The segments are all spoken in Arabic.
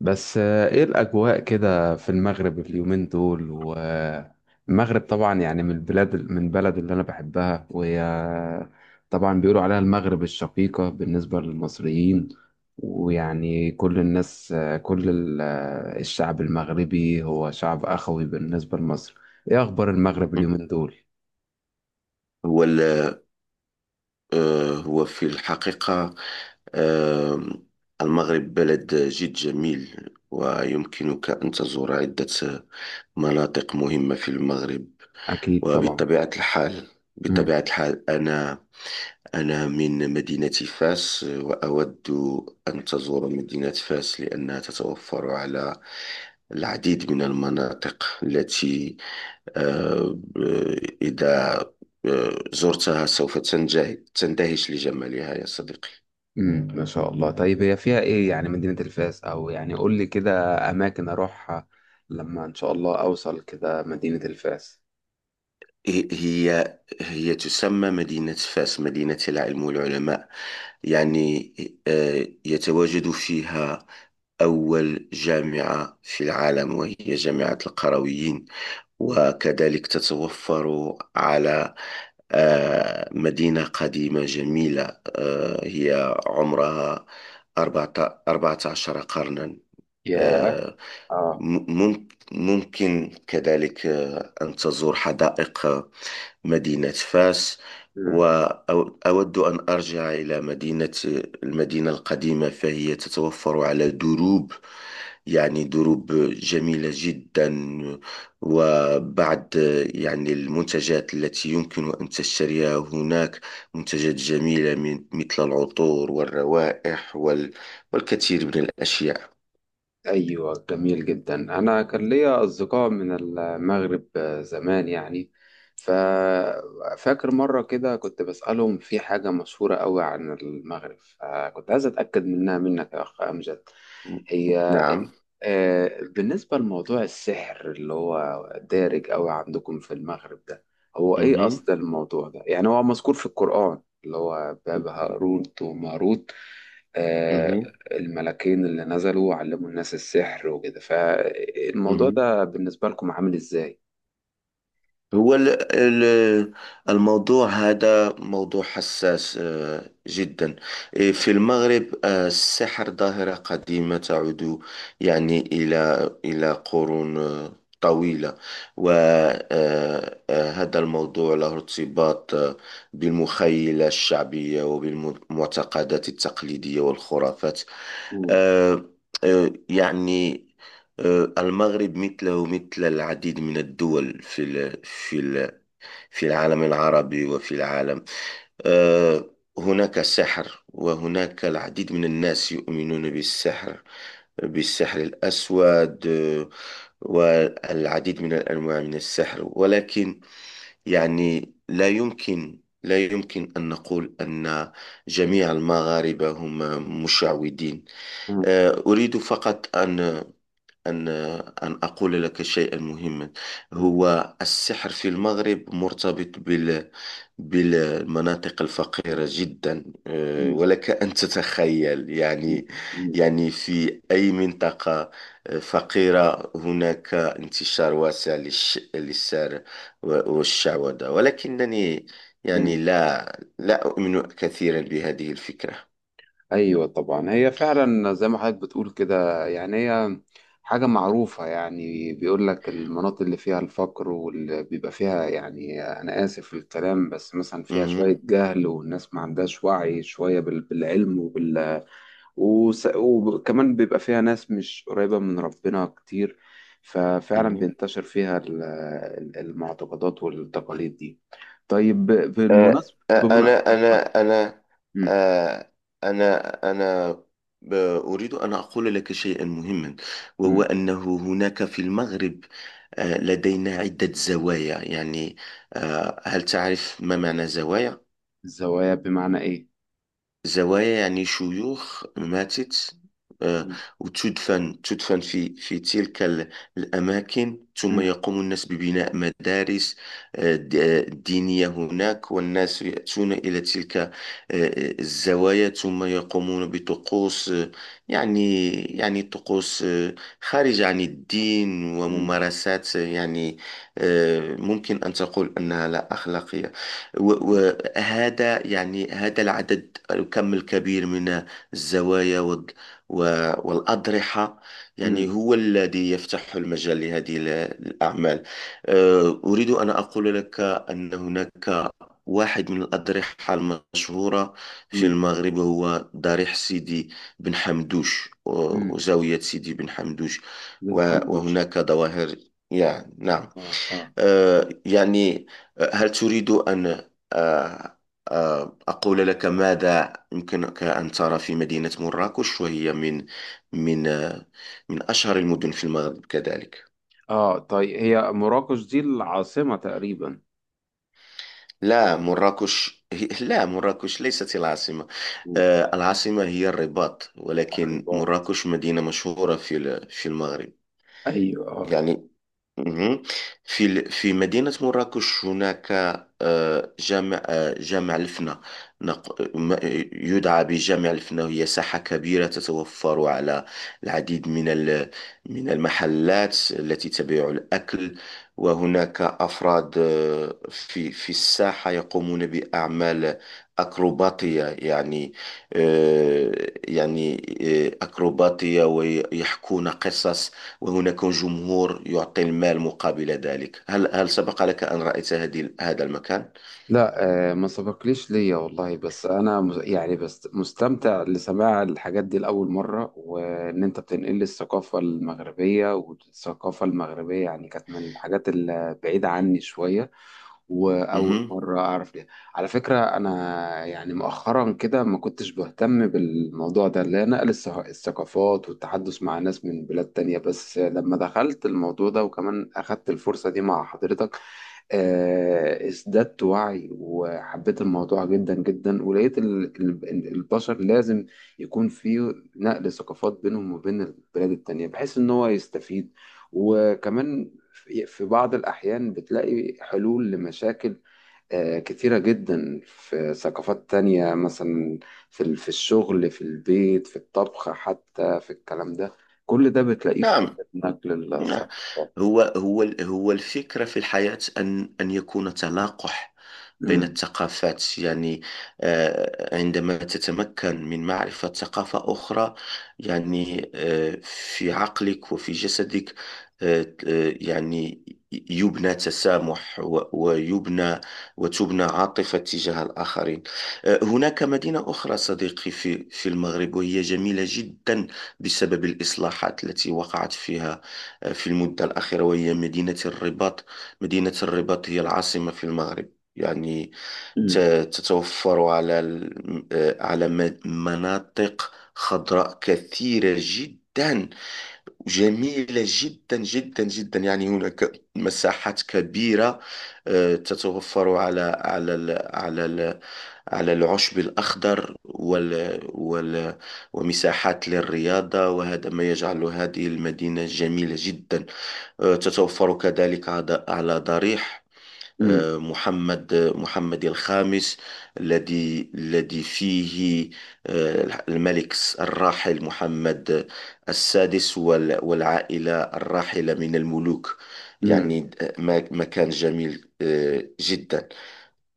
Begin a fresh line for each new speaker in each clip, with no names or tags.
بس ايه الاجواء كده في المغرب اليومين دول؟ والمغرب طبعا يعني من البلاد، من بلد اللي انا بحبها. وهي طبعا بيقولوا عليها المغرب الشقيقة بالنسبة للمصريين. ويعني كل الناس، آه، كل ال- آه، الشعب المغربي هو شعب اخوي بالنسبة لمصر. ايه اخبار المغرب اليومين دول؟
هو ال- هو في الحقيقة. آه، المغرب بلد جد جميل ويمكنك أن تزور عدة مناطق مهمة في المغرب.
اكيد طبعا.
وبطبيعة الحال بطبيعة الحال أنا أنا من مدينة فاس، وأود أن تزور مدينة فاس لأنها تتوفر على العديد من المناطق التي آه، إذا زرتها سوف تندهش لجمالها يا صديقي.
ما شاء الله. طيب هي فيها ايه يعني مدينة الفاس؟ او يعني قول لي كده اماكن اروحها لما ان شاء الله اوصل كده مدينة الفاس.
هي تسمى مدينة فاس، مدينة العلم والعلماء. يعني يتواجد فيها أول جامعة في العالم وهي جامعة القرويين، وكذلك تتوفر على مدينة قديمة جميلة. هي عمرها 14 قرنا.
ياه.
آه،
اه.
ممكن كذلك أن تزور حدائق مدينة فاس.
امم.
وأود أن أرجع إلى المدينة القديمة، فهي تتوفر على دروب، يعني دروب جميلة جدا، وبعض يعني المنتجات التي يمكن أن تشتريها هناك، منتجات جميلة من مثل العطور والروائح والكثير من الأشياء.
ايوه جميل جدا. انا كان ليا اصدقاء من المغرب زمان يعني، ففاكر مره كده كنت بسالهم في حاجه مشهوره قوي عن المغرب، فكنت عايز اتاكد منها منك يا اخ امجد. هي
نعم.
بالنسبه لموضوع السحر اللي هو دارج قوي عندكم في المغرب ده، هو ايه
مهم.
اصل الموضوع ده؟ يعني هو مذكور في القران، اللي هو باب هاروت وماروت. آه،
مهم.
الملكين اللي نزلوا علموا الناس السحر وكده، فالموضوع
مهم.
ده بالنسبة لكم عامل ازاي؟
هو ال- ال- الموضوع هذا موضوع حساس جدا. إيه، في المغرب السحر ظاهرة قديمة تعود يعني إلى قرون طويلة. وهذا الموضوع له ارتباط بالمخيلة الشعبية وبالمعتقدات التقليدية والخرافات.
مم.
آه، يعني المغرب مثله ومثل العديد من الدول في العالم العربي وفي العالم. آه، هناك سحر وهناك العديد من الناس يؤمنون بالسحر، بالسحر الأسود والعديد من الأنواع من السحر، ولكن يعني لا يمكن أن نقول أن جميع المغاربة هم مشعوذين.
مم.
أريد فقط أن أن أن أقول لك شيئا مهما.
مم.
هو السحر في المغرب مرتبط بالمناطق الفقيرة جدا.
مم.
ولك أن تتخيل، يعني
مم.
يعني في أي منطقة فقيرة هناك انتشار واسع للسحر والشعوذة، ولكنني يعني
مم.
لا أؤمن كثيرا بهذه الفكرة.
ايوه طبعا، هي فعلا زي ما حضرتك بتقول كده، يعني هي حاجة معروفة. يعني بيقول لك المناطق اللي فيها الفقر واللي بيبقى فيها، يعني أنا آسف في الكلام، بس مثلا فيها
مهم.
شوية جهل والناس ما عندهاش وعي شوية بالعلم، وكمان بيبقى فيها ناس مش قريبة من ربنا كتير، ففعلا
مهم.
بينتشر فيها المعتقدات والتقاليد دي. طيب بالمناسبة
أنا أنا،
مم.
آه، أنا أنا ب- أريد أن أقول لك شيئا مهما، وهو
مم.
أنه هناك في المغرب لدينا عدة زوايا. يعني هل تعرف ما معنى زوايا؟
الزوايا بمعنى إيه؟
زوايا يعني شيوخ ماتت آه،
مم.
وتدفن في الأماكن، ثم
مم.
يقوم الناس ببناء مدارس دينية هناك، والناس يأتون إلى تلك الزوايا، ثم يقومون بطقوس يعني يعني طقوس خارجة عن الدين
مم.
وممارسات يعني ممكن أن تقول أنها لا أخلاقية. وهذا يعني هذا الكم الكبير من الزوايا والأضرحة يعني
مم.
هو الذي يفتح المجال لهذه الأعمال. أريد أن أقول لك أن هناك واحد من الأضرحة المشهورة في
مم.
المغرب، هو ضريح سيدي بن حمدوش
مم.
وزاوية سيدي بن حمدوش.
بن
و-
حمدوش.
وهناك ظواهر، يعني نعم.
آه، آه.
يعني هل تريد أن آه، أقول لك ماذا يمكنك أن ترى في مدينة مراكش؟ وهي من من آه، من أشهر المدن في المغرب كذلك.
آه طيب، هي مراكش دي العاصمة تقريبا؟
لا، مراكش لا، مراكش ليست العاصمة.
مم.
العاصمة هي الرباط، ولكن
الرباط.
مراكش مدينة مشهورة في المغرب.
أيوه آه.
يعني مهم. في مدينة مراكش هناك جامع الفنا، نق- ما- يدعى بجامع الفنا. هي ساحة كبيرة تتوفر على العديد من المحلات التي تبيع الأكل، وهناك أفراد في الساحة يقومون بأعمال أكروباتية، يعني آه، يعني أكروباتية، ويحكون قصص، وهناك جمهور يعطي المال مقابل ذلك. هل سبق لك أن رأيت هذا المكان؟
لا. ما سبقليش ليا والله، بس انا يعني بس مستمتع لسماع الحاجات دي لاول مره، وان انت بتنقل لي الثقافه المغربيه، والثقافه المغربيه يعني كانت من الحاجات البعيده عني شويه، واول
مهم.
مره اعرف ليها. على فكره انا يعني مؤخرا كده ما كنتش بهتم بالموضوع ده، اللي هي نقل الثقافات والتحدث مع ناس من بلاد تانية، بس لما دخلت الموضوع ده وكمان اخدت الفرصه دي مع حضرتك، ازددت وعي وحبيت الموضوع جدا جدا، ولقيت البشر لازم يكون في نقل ثقافات بينهم وبين البلاد التانية، بحيث ان هو يستفيد. وكمان في بعض الأحيان بتلاقي حلول لمشاكل كتيرة جدا في ثقافات تانية. مثلا في الشغل، في البيت، في الطبخ، حتى في الكلام ده، كل ده بتلاقيه في
نعم.
حتة نقل
نعم.
الثقافات.
هو الفكرة في الحياة أن يكون تلاقح بين
مم.
الثقافات. يعني عندما تتمكن من معرفة ثقافة أخرى، يعني في عقلك وفي جسدك يعني يبنى تسامح ويبنى وتبنى عاطفة تجاه الآخرين. هناك مدينة أخرى صديقي في المغرب، وهي جميلة جدا بسبب الإصلاحات التي وقعت فيها في المدة الأخيرة، وهي مدينة الرباط. مدينة الرباط هي العاصمة في المغرب. يعني ت-
مم.
تتوفر على ال- آه، على م- مناطق خضراء كثيرة جدا، جميلة جدا جدا جدا. يعني هناك مساحات كبيرة تتوفر على على العشب الأخضر وال وال ومساحات للرياضة، وهذا ما يجعل هذه المدينة جميلة جدا. تتوفر كذلك على ضريح
مم.
محمد الخامس، الذي فيه الملك الراحل محمد السادس والعائلة الراحلة من الملوك.
مم.
يعني ما كان جميل جدا.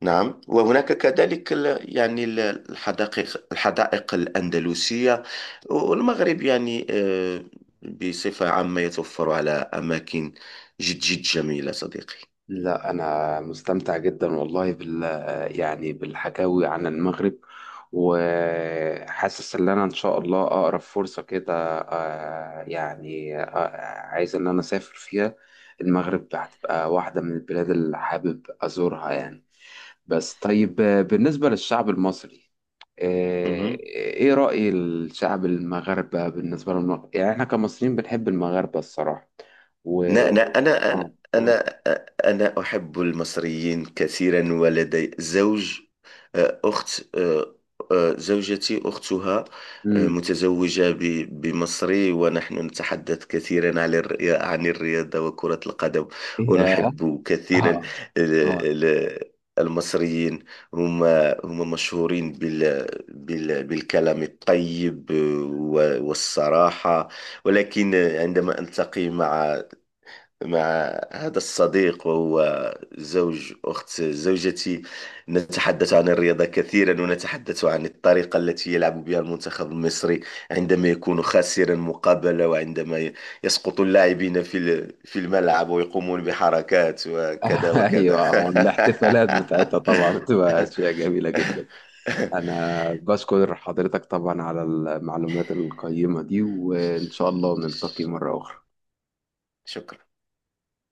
نعم، وهناك كذلك الحدائق الحدائق الأندلسية. والمغرب يعني بصفة عامة يتوفر على أماكن جد جد جميلة صديقي.
لا أنا مستمتع جدا والله يعني بالحكاوي عن المغرب، وحاسس إن أنا إن شاء الله أقرب فرصة كده آه، يعني آه، عايز إن أنا أسافر فيها. المغرب هتبقى واحدة من البلاد اللي حابب أزورها يعني. بس طيب، بالنسبة للشعب المصري، آه،
مهم.
إيه رأي الشعب المغاربة بالنسبة للمغرب؟ يعني إحنا كمصريين بنحب المغاربة الصراحة. و
لا، أنا أنا
آه، آه.
أنا أنا أحب المصريين كثيرا، ولدي زوج آه، أخت آه، آه، زوجتي أختها
مم.
متزوجة بمصري، ونحن نتحدث كثيرا عن الرياضة وكرة القدم، ونحب كثيرا
اه. اه.
ال- المصريين. هم هم مشهورين بالكلام الطيب والصراحة، ولكن عندما ألتقي مع هذا الصديق، وهو زوج أخت زوجتي، نتحدث عن الرياضة كثيرا، ونتحدث عن الطريقة التي يلعب بها المنتخب المصري عندما يكون خاسرا مقابلة، وعندما يسقط اللاعبين في الملعب ويقومون بحركات وكذا
ايوه
وكذا
آه. الاحتفالات بتاعتها طبعا بتبقى اشياء جميله جدا. انا بشكر حضرتك طبعا على المعلومات القيمه دي، وان شاء الله نلتقي مره اخرى.
شكرا.